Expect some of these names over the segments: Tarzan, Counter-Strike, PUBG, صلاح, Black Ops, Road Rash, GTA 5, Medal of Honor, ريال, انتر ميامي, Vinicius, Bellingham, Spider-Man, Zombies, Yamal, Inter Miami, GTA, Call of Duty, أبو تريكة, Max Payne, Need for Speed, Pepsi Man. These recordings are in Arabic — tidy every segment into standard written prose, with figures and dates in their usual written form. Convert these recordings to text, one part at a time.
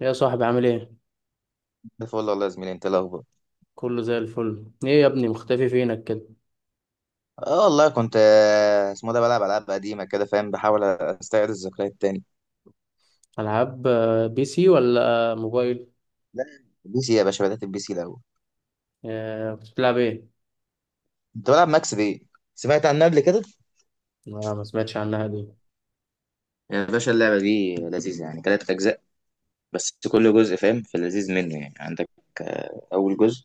يا صاحبي، عامل ايه؟ ده فل والله يا زميلي، انت إيه الاخبار؟ كله زي الفل. ايه يا ابني، مختفي فينك كده؟ اه والله كنت اسمه ده بلعب العاب قديمه كده، فاهم، بحاول استعيد الذكريات تاني. العاب؟ بي سي ولا موبايل؟ لا، بي سي يا باشا، بدات البي سي الاول. كنت بتلعب ايه؟ كنت بلعب ماكس بي. سمعت عنها قبل كده؟ ما سمعتش عنها دي. يا باشا اللعبه دي لذيذه يعني، ثلاث اجزاء. بس كل جزء فاهم في اللذيذ منه يعني. عندك اول جزء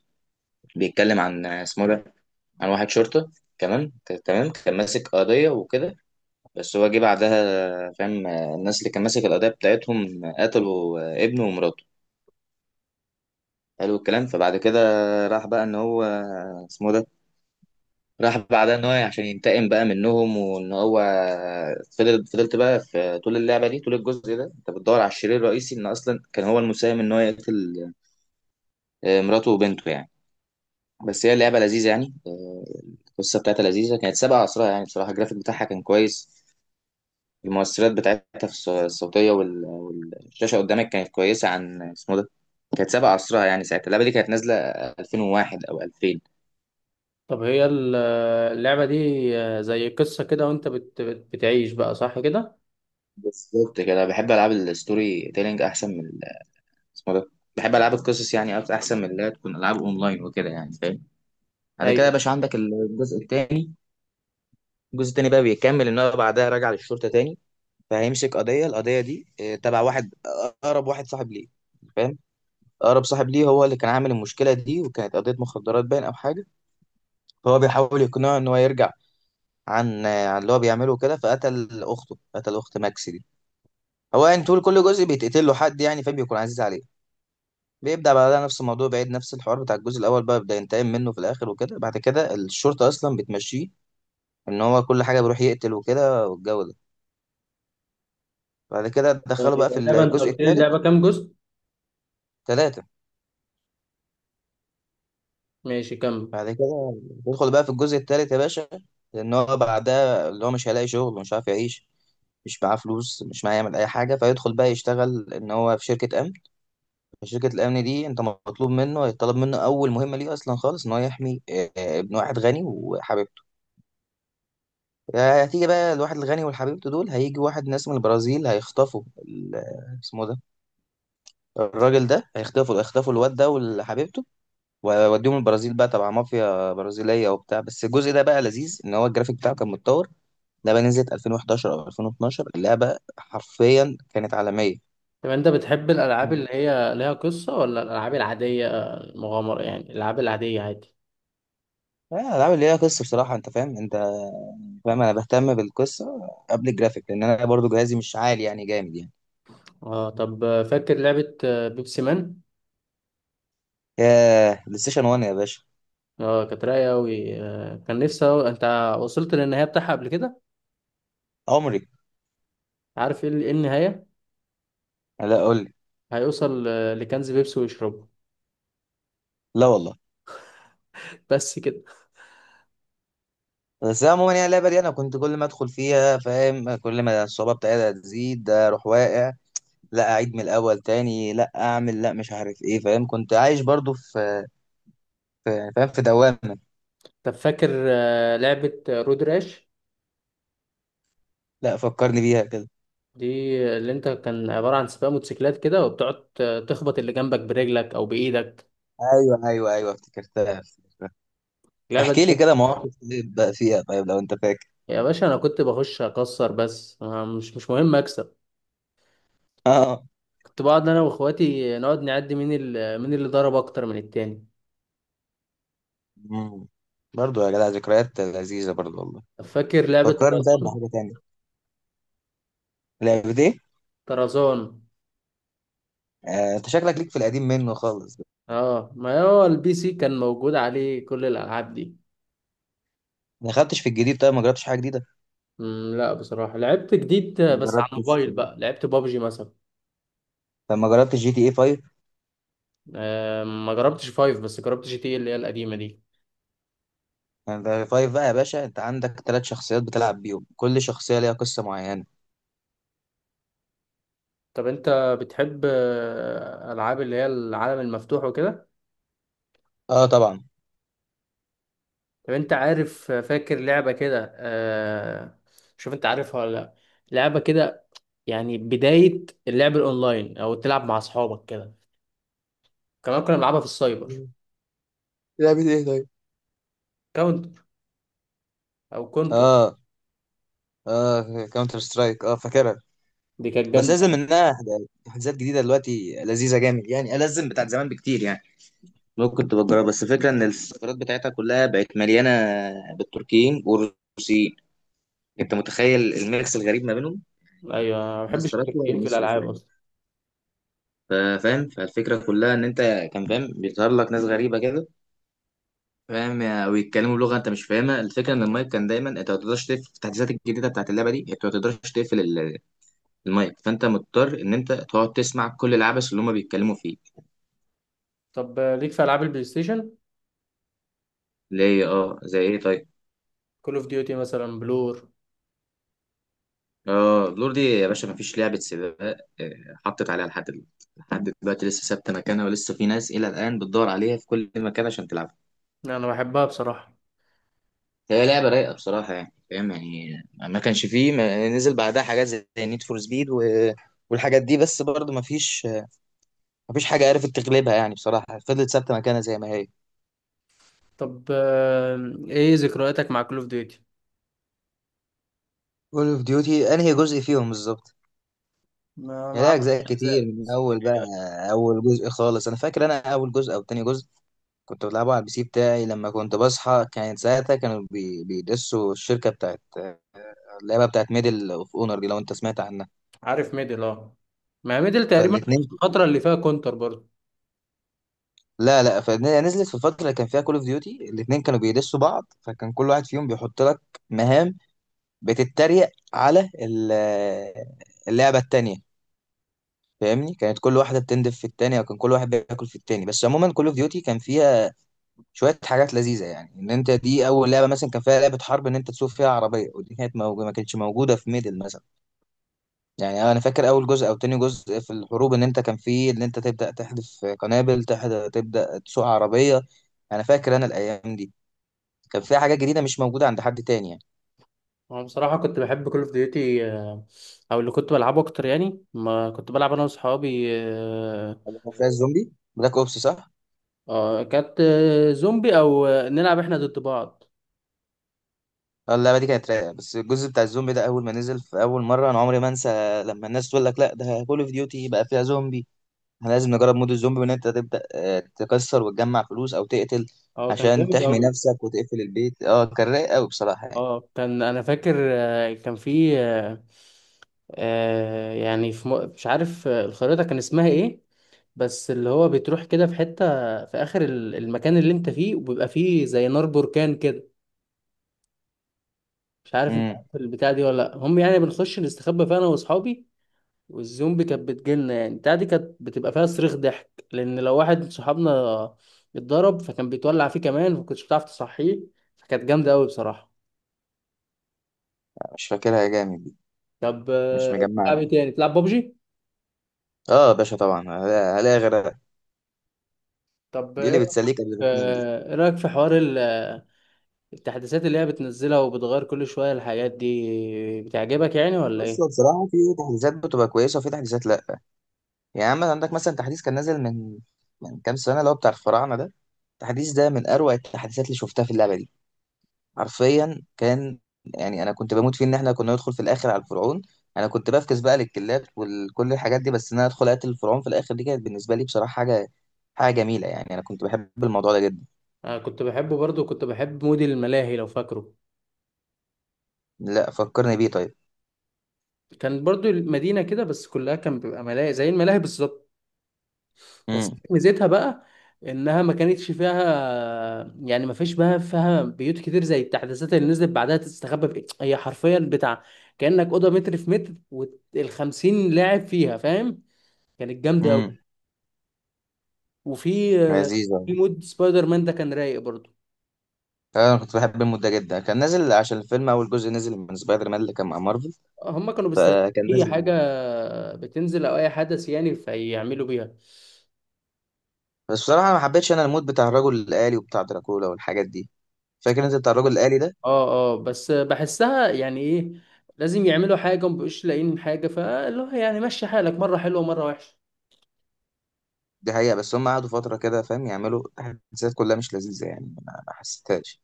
بيتكلم عن اسمه ده عن واحد شرطه، كمان، تمام كان ماسك قضيه وكده. بس هو جه بعدها، فاهم، الناس اللي كان ماسك القضيه بتاعتهم قتلوا ابنه ومراته. حلو الكلام، فبعد كده راح بقى ان هو، اسمه ده راح بعدها ان هو عشان ينتقم بقى منهم، وان هو فضلت بقى في طول اللعبه دي، طول الجزء ده انت بتدور على الشرير الرئيسي، ان اصلا كان هو المساهم ان هو يقتل مراته وبنته يعني. بس هي اللعبه لذيذه يعني، القصه بتاعتها لذيذه، كانت سابقه عصرها يعني. بصراحه الجرافيك بتاعها كان كويس، المؤثرات بتاعتها في الصوتيه والشاشه قدامك كانت كويسه، عن اسمه ده كانت سابقه عصرها يعني. ساعتها اللعبه دي كانت نازله 2001 او 2000 طب هي اللعبة دي زي قصة كده، وانت بتعيش بقى، صح كده؟ بالظبط كده. انا بحب العاب الستوري تيلينج احسن من اسمه ده بحب العاب القصص يعني، احسن من اللي هي تكون العاب اونلاين وكده يعني، فاهم. بعد كده ايوه. يا باشا عندك الجزء الثاني. الجزء الثاني بقى بيكمل ان هو بعدها راجع للشرطه تاني، فهيمسك القضيه دي، تبع واحد، اقرب واحد صاحب ليه، فاهم. اقرب صاحب ليه هو اللي كان عامل المشكله دي، وكانت قضيه مخدرات باين او حاجه. فهو بيحاول يقنعه ان هو يرجع عن اللي هو بيعمله كده، فقتل اخته، قتل اخت ماكس دي. هو يعني طول كل جزء بيتقتل له حد يعني، فبيكون عزيز عليه. بيبدأ بعدها نفس الموضوع، بعيد نفس الحوار بتاع الجزء الأول، بقى بيبدأ ينتقم منه في الآخر وكده. بعد كده الشرطة أصلا بتمشيه، إن هو كل حاجة بيروح يقتل وكده والجو ده. بعد كده دخلوا بقى في اللعبة، انت الجزء قلت لي الثالث. اللعبة كام جزء؟ ثلاثة. ماشي، كمل. بعد كده يدخل بقى في الجزء الثالث يا باشا، لأن هو بعدها اللي هو مش هيلاقي شغل، ومش عارف يعيش، مش معاه فلوس، مش معاه يعمل أي حاجة. فيدخل بقى يشتغل إن هو في شركة أمن. شركة الأمن دي، أنت مطلوب منه، يطلب منه أول مهمة ليه أصلا خالص إن هو يحمي ابن واحد غني وحبيبته. هتيجي بقى، الواحد الغني وحبيبته دول هيجي واحد، ناس من البرازيل هيخطفوا اسمه ده الراجل ده، هيخطفوا الواد ده وحبيبته ويوديهم البرازيل بقى، تبع مافيا برازيلية وبتاع. بس الجزء ده بقى لذيذ، ان هو الجرافيك بتاعه كان متطور. ده بقى نزلت 2011 او 2012. اللعبة حرفيا كانت عالمية. طب انت بتحب الالعاب مم. اللي هي ليها قصة ولا الالعاب العادية؟ مغامرة يعني، الالعاب العادية عادي. لا، الالعاب اللي ليها قصه بصراحه، انت فاهم، انت فاهم انا بهتم بالقصه قبل الجرافيك، لان انا برضو جهازي مش عالي يعني جامد يعني. اه. طب فاكر لعبة بيبسي مان؟ يا بلاي ستيشن 1 يا باشا. اه، كانت رايقه قوي، آه كان نفسي أوي. انت وصلت للنهايه بتاعها قبل كده؟ عمري. عارف ايه إيه النهايه؟ لا، قول لي. هيوصل لكنز بيبسي ويشربه. لا والله. بس كده. بس عموما يعني اللعبه دي انا كنت كل ما ادخل فيها، فاهم، كل ما الصعوبه بتاعتها تزيد اروح واقع، لا اعيد من الاول تاني، لا اعمل، لا، مش عارف ايه، فاهم، كنت عايش برضو في يعني فاهم في دوامه. طب فاكر آه لعبه رود راش؟ لا، فكرني بيها كده. دي اللي كان عباره عن سباق موتوسيكلات كده، وبتقعد تخبط اللي جنبك برجلك او بايدك. ايوه، ايوه، ايوه، افتكرتها، افتكرتها. اللعبه دي. احكي لي كده مواقف إيه بقى فيها طيب لو انت فاكر. يا باشا انا كنت بخش اكسر بس، آه، مش مهم اكسب. اه. كنت بقعد انا واخواتي، نقعد نعد مين مين اللي ضرب اكتر من التاني. مم. برضو يا جدع، ذكريات لذيذه برضو والله. طب فاكر لعبه فكرني طيب طرزان؟ بحاجه تانية. لعبه ايه؟ طرزان. انت شكلك ليك في القديم منه خالص. اه، ما هو البي سي كان موجود عليه كل الالعاب دي. ما دخلتش في الجديد؟ طيب ما جربتش حاجه جديده؟ لا بصراحه، لعبت جديد ما بس على جربتش. الموبايل. بقى لعبت بابجي مثلا. طب ما جربتش جي تي اي 5؟ آه، ما جربتش فايف، بس جربت جي تي إيه اللي هي القديمه دي. يعني ده 5 بقى يا باشا، انت عندك ثلاث شخصيات بتلعب بيهم، كل شخصية ليها قصة معينة. طب انت بتحب العاب اللي هي العالم المفتوح وكده؟ اه طبعا. طب انت عارف فاكر لعبه كده، آه، شوف انت عارفها ولا لا. لعبه كده يعني بدايه اللعب الاونلاين، او تلعب مع اصحابك كده. كمان كنا بنلعبها في السايبر. مم. لعبة ايه طيب؟ كاونتر، او كونتر. اه. اه، كاونتر سترايك، اه فاكرها. دي كانت بس لازم جامده. منها حاجات جديدة دلوقتي لذيذة جامد يعني، ألزم بتاعت زمان بكتير يعني. ممكن تبقى تجربها، بس الفكرة ان السيرفرات بتاعتها كلها بقت مليانة بالتركيين والروسيين، انت متخيل الميكس الغريب ما بينهم؟ ايوه، أنا ما ناس بحبش تراكوة التركيين في وناس الالعاب روسية. اصلا. ف- فاهم، فالفكرة كلها ان انت كان فاهم بيظهر لك ناس غريبة كده، فاهم، ويتكلموا لغه انت مش فاهمها. الفكره ان المايك كان دايما، انت ما تقدرش تقفل. في التحديثات الجديده بتاعت اللعبه دي انت ما تقدرش تقفل المايك، فانت مضطر ان انت تقعد تسمع كل العبث اللي هم بيتكلموا فيه. طب ليك في العاب البلاي ستيشن؟ ليه؟ اه زي ايه طيب؟ كول اوف ديوتي مثلا، بلور. اه، لور دي يا باشا ما فيش لعبه سباق حطت عليها لحد دلوقتي. لحد دلوقتي لسه ثابته مكانها، ولسه في ناس الى الان بتدور عليها في كل مكان عشان تلعبها. انا بحبها بصراحه. هي لعبه رايقه بصراحه يعني، فاهم يعني، ما كانش فيه ما نزل بعدها حاجات زي نيد فور سبيد و والحاجات دي، بس برضه ما فيش مفيش حاجة عرفت تغلبها يعني، بصراحة فضلت ثابتة مكانها زي ما هي. طب ايه ذكرياتك مع كول اوف ديوتي؟ كول اوف ديوتي انهي جزء فيهم بالظبط؟ ما يعني لها اعرفش اجزاء كتير، أجزاء. من اول بقى اول جزء خالص، انا فاكر انا اول جزء او تاني جزء كنت بلعبه على البي سي بتاعي لما كنت بصحى. كانت ساعتها كانوا بيدسوا الشركة بتاعت اللعبة بتاعت ميدل اوف اونر دي، لو انت سمعت عنها. عارف ميدل، اه، ما ميدل تقريبا كانت فالاتنين. الفتره اللي فيها كونتر برضه. لا، لا، فنزلت في الفترة اللي كان فيها كول اوف ديوتي، الاتنين كانوا بيدسوا بعض، فكان كل واحد فيهم بيحط لك مهام بتتريق على اللعبة التانية. فاهمني، كانت كل واحده بتندف في التانية، وكان كل واحد بياكل في التاني. بس عموما كول اوف ديوتي كان فيها شويه حاجات لذيذه يعني، ان انت دي اول لعبه مثلا كان فيها لعبه حرب ان انت تسوق فيها عربيه، ودي كانت موجوده، ما كانتش موجوده في ميدل مثلا. يعني انا فاكر اول جزء او تاني جزء في الحروب، ان انت كان فيه ان انت تبدا تحذف قنابل، تبدا تسوق عربيه. انا فاكر انا الايام دي كان فيها حاجات جديده مش موجوده عند حد تاني يعني. انا بصراحه كنت بحب كول اوف ديوتي، او اللي كنت بلعبه اكتر يعني. ما كنت بلعب انا واصحابي، كان فيها الزومبي بلاك اوبس، صح؟ كانت زومبي، او نلعب احنا ضد بعض. اه، اللعبه دي كانت رايقه. بس الجزء بتاع الزومبي ده، اول ما نزل في اول مره انا عمري ما انسى، لما الناس تقول لك لا، ده كول اوف ديوتي بقى فيها زومبي. احنا لازم نجرب مود الزومبي، وان انت تبدا تكسر وتجمع فلوس او تقتل اه كان عشان جامد تحمي قوي. نفسك وتقفل البيت. اه كان رايق قوي بصراحه يعني. اه كان، انا فاكر، كان في يعني في مش عارف الخريطة كان اسمها ايه، بس اللي هو بتروح كده في حتة في اخر المكان اللي انت فيه، وبيبقى فيه زي نار بركان كده. مش عارف انت امم. عارف البتاع دي ولا لا. هم يعني، بنخش نستخبى فيها انا واصحابي، والزومبي كانت بتجيلنا. يعني البتاع دي كانت بتبقى فيها صريخ ضحك، لان لو واحد من صحابنا اتضرب فكان بيتولع فيه كمان، فكنتش بتعرف تصحيه. فكانت جامدة قوي بصراحة. مش فاكرها جامد دي، طب مش مجمعها بتلعب ايه دي. تاني؟ بتلعب بابجي؟ اه يا باشا طبعا، هلاقي غيرها. طب دي ايه اللي رأيك بتسليك قبل ما تنام دي. إيه رأيك في حوار التحديثات اللي هي بتنزلها وبتغير كل شوية؟ الحاجات دي بتعجبك يعني ولا بص، هو ايه؟ بصراحه في تحديثات بتبقى كويسه وفي تحديثات لا. يعني عندك مثلا تحديث كان نازل من كام سنة اللي هو بتاع الفراعنة ده. التحديث ده من أروع التحديثات اللي شفتها في اللعبة دي، حرفيا كان. يعني أنا كنت بموت فيه، إن إحنا كنا ندخل في الآخر على الفرعون. أنا كنت بفكس بقى للكلاب وكل الحاجات دي، بس إن أنا أدخل أقتل الفرعون في الآخر، دي كانت بالنسبة لي بصراحة حاجة جميلة يعني، أنا كنت بحب الموضوع ده جدا. انا كنت بحبه برضو، كنت بحب مود الملاهي لو فاكره. لا، فكرني بيه طيب. كان برضو المدينة كده، بس كلها كان بيبقى ملاهي زي الملاهي بالظبط. بس امم. ميزتها بقى انها ما كانتش فيها، يعني ما فيش بقى فيها بيوت كتير زي التحديثات اللي نزلت بعدها تستخبى في إيه؟ هي حرفيا بتاع كأنك أوضة متر في متر، والخمسين لاعب فيها، فاهم؟ كانت جامدة أوي. امم. وفي لذيذ أوي. في مود سبايدر مان ده، كان رايق برضو. أنا كنت بحب المود ده جدا، كان نازل عشان الفيلم أول جزء نزل من سبايدر مان اللي كان مع مارفل، هم كانوا بيستخدموا فكان اي حاجه نازل. بتنزل او اي حدث يعني، فيعملوا بيها. بس بصراحة ما حبيتش أنا المود بتاع الرجل الآلي وبتاع دراكولا والحاجات دي. فاكر أنت بتاع الرجل الآلي ده؟ اه اه، بس بحسها يعني ايه، لازم يعملوا حاجه ومبقوش لاقيين حاجه، فاللي هو يعني مشي حالك، مره حلوه ومره وحشه. دي حقيقة، بس هم قعدوا فترة كده فاهم يعملوا تحديثات كلها مش لذيذة يعني، ما حسيتهاش.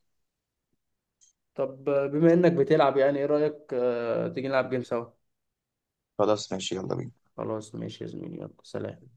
طب بما انك بتلعب، يعني ايه رايك تيجي نلعب جيم سوا؟ خلاص ماشي، يلا بينا. خلاص ماشي يا زميلي، يلا سلام.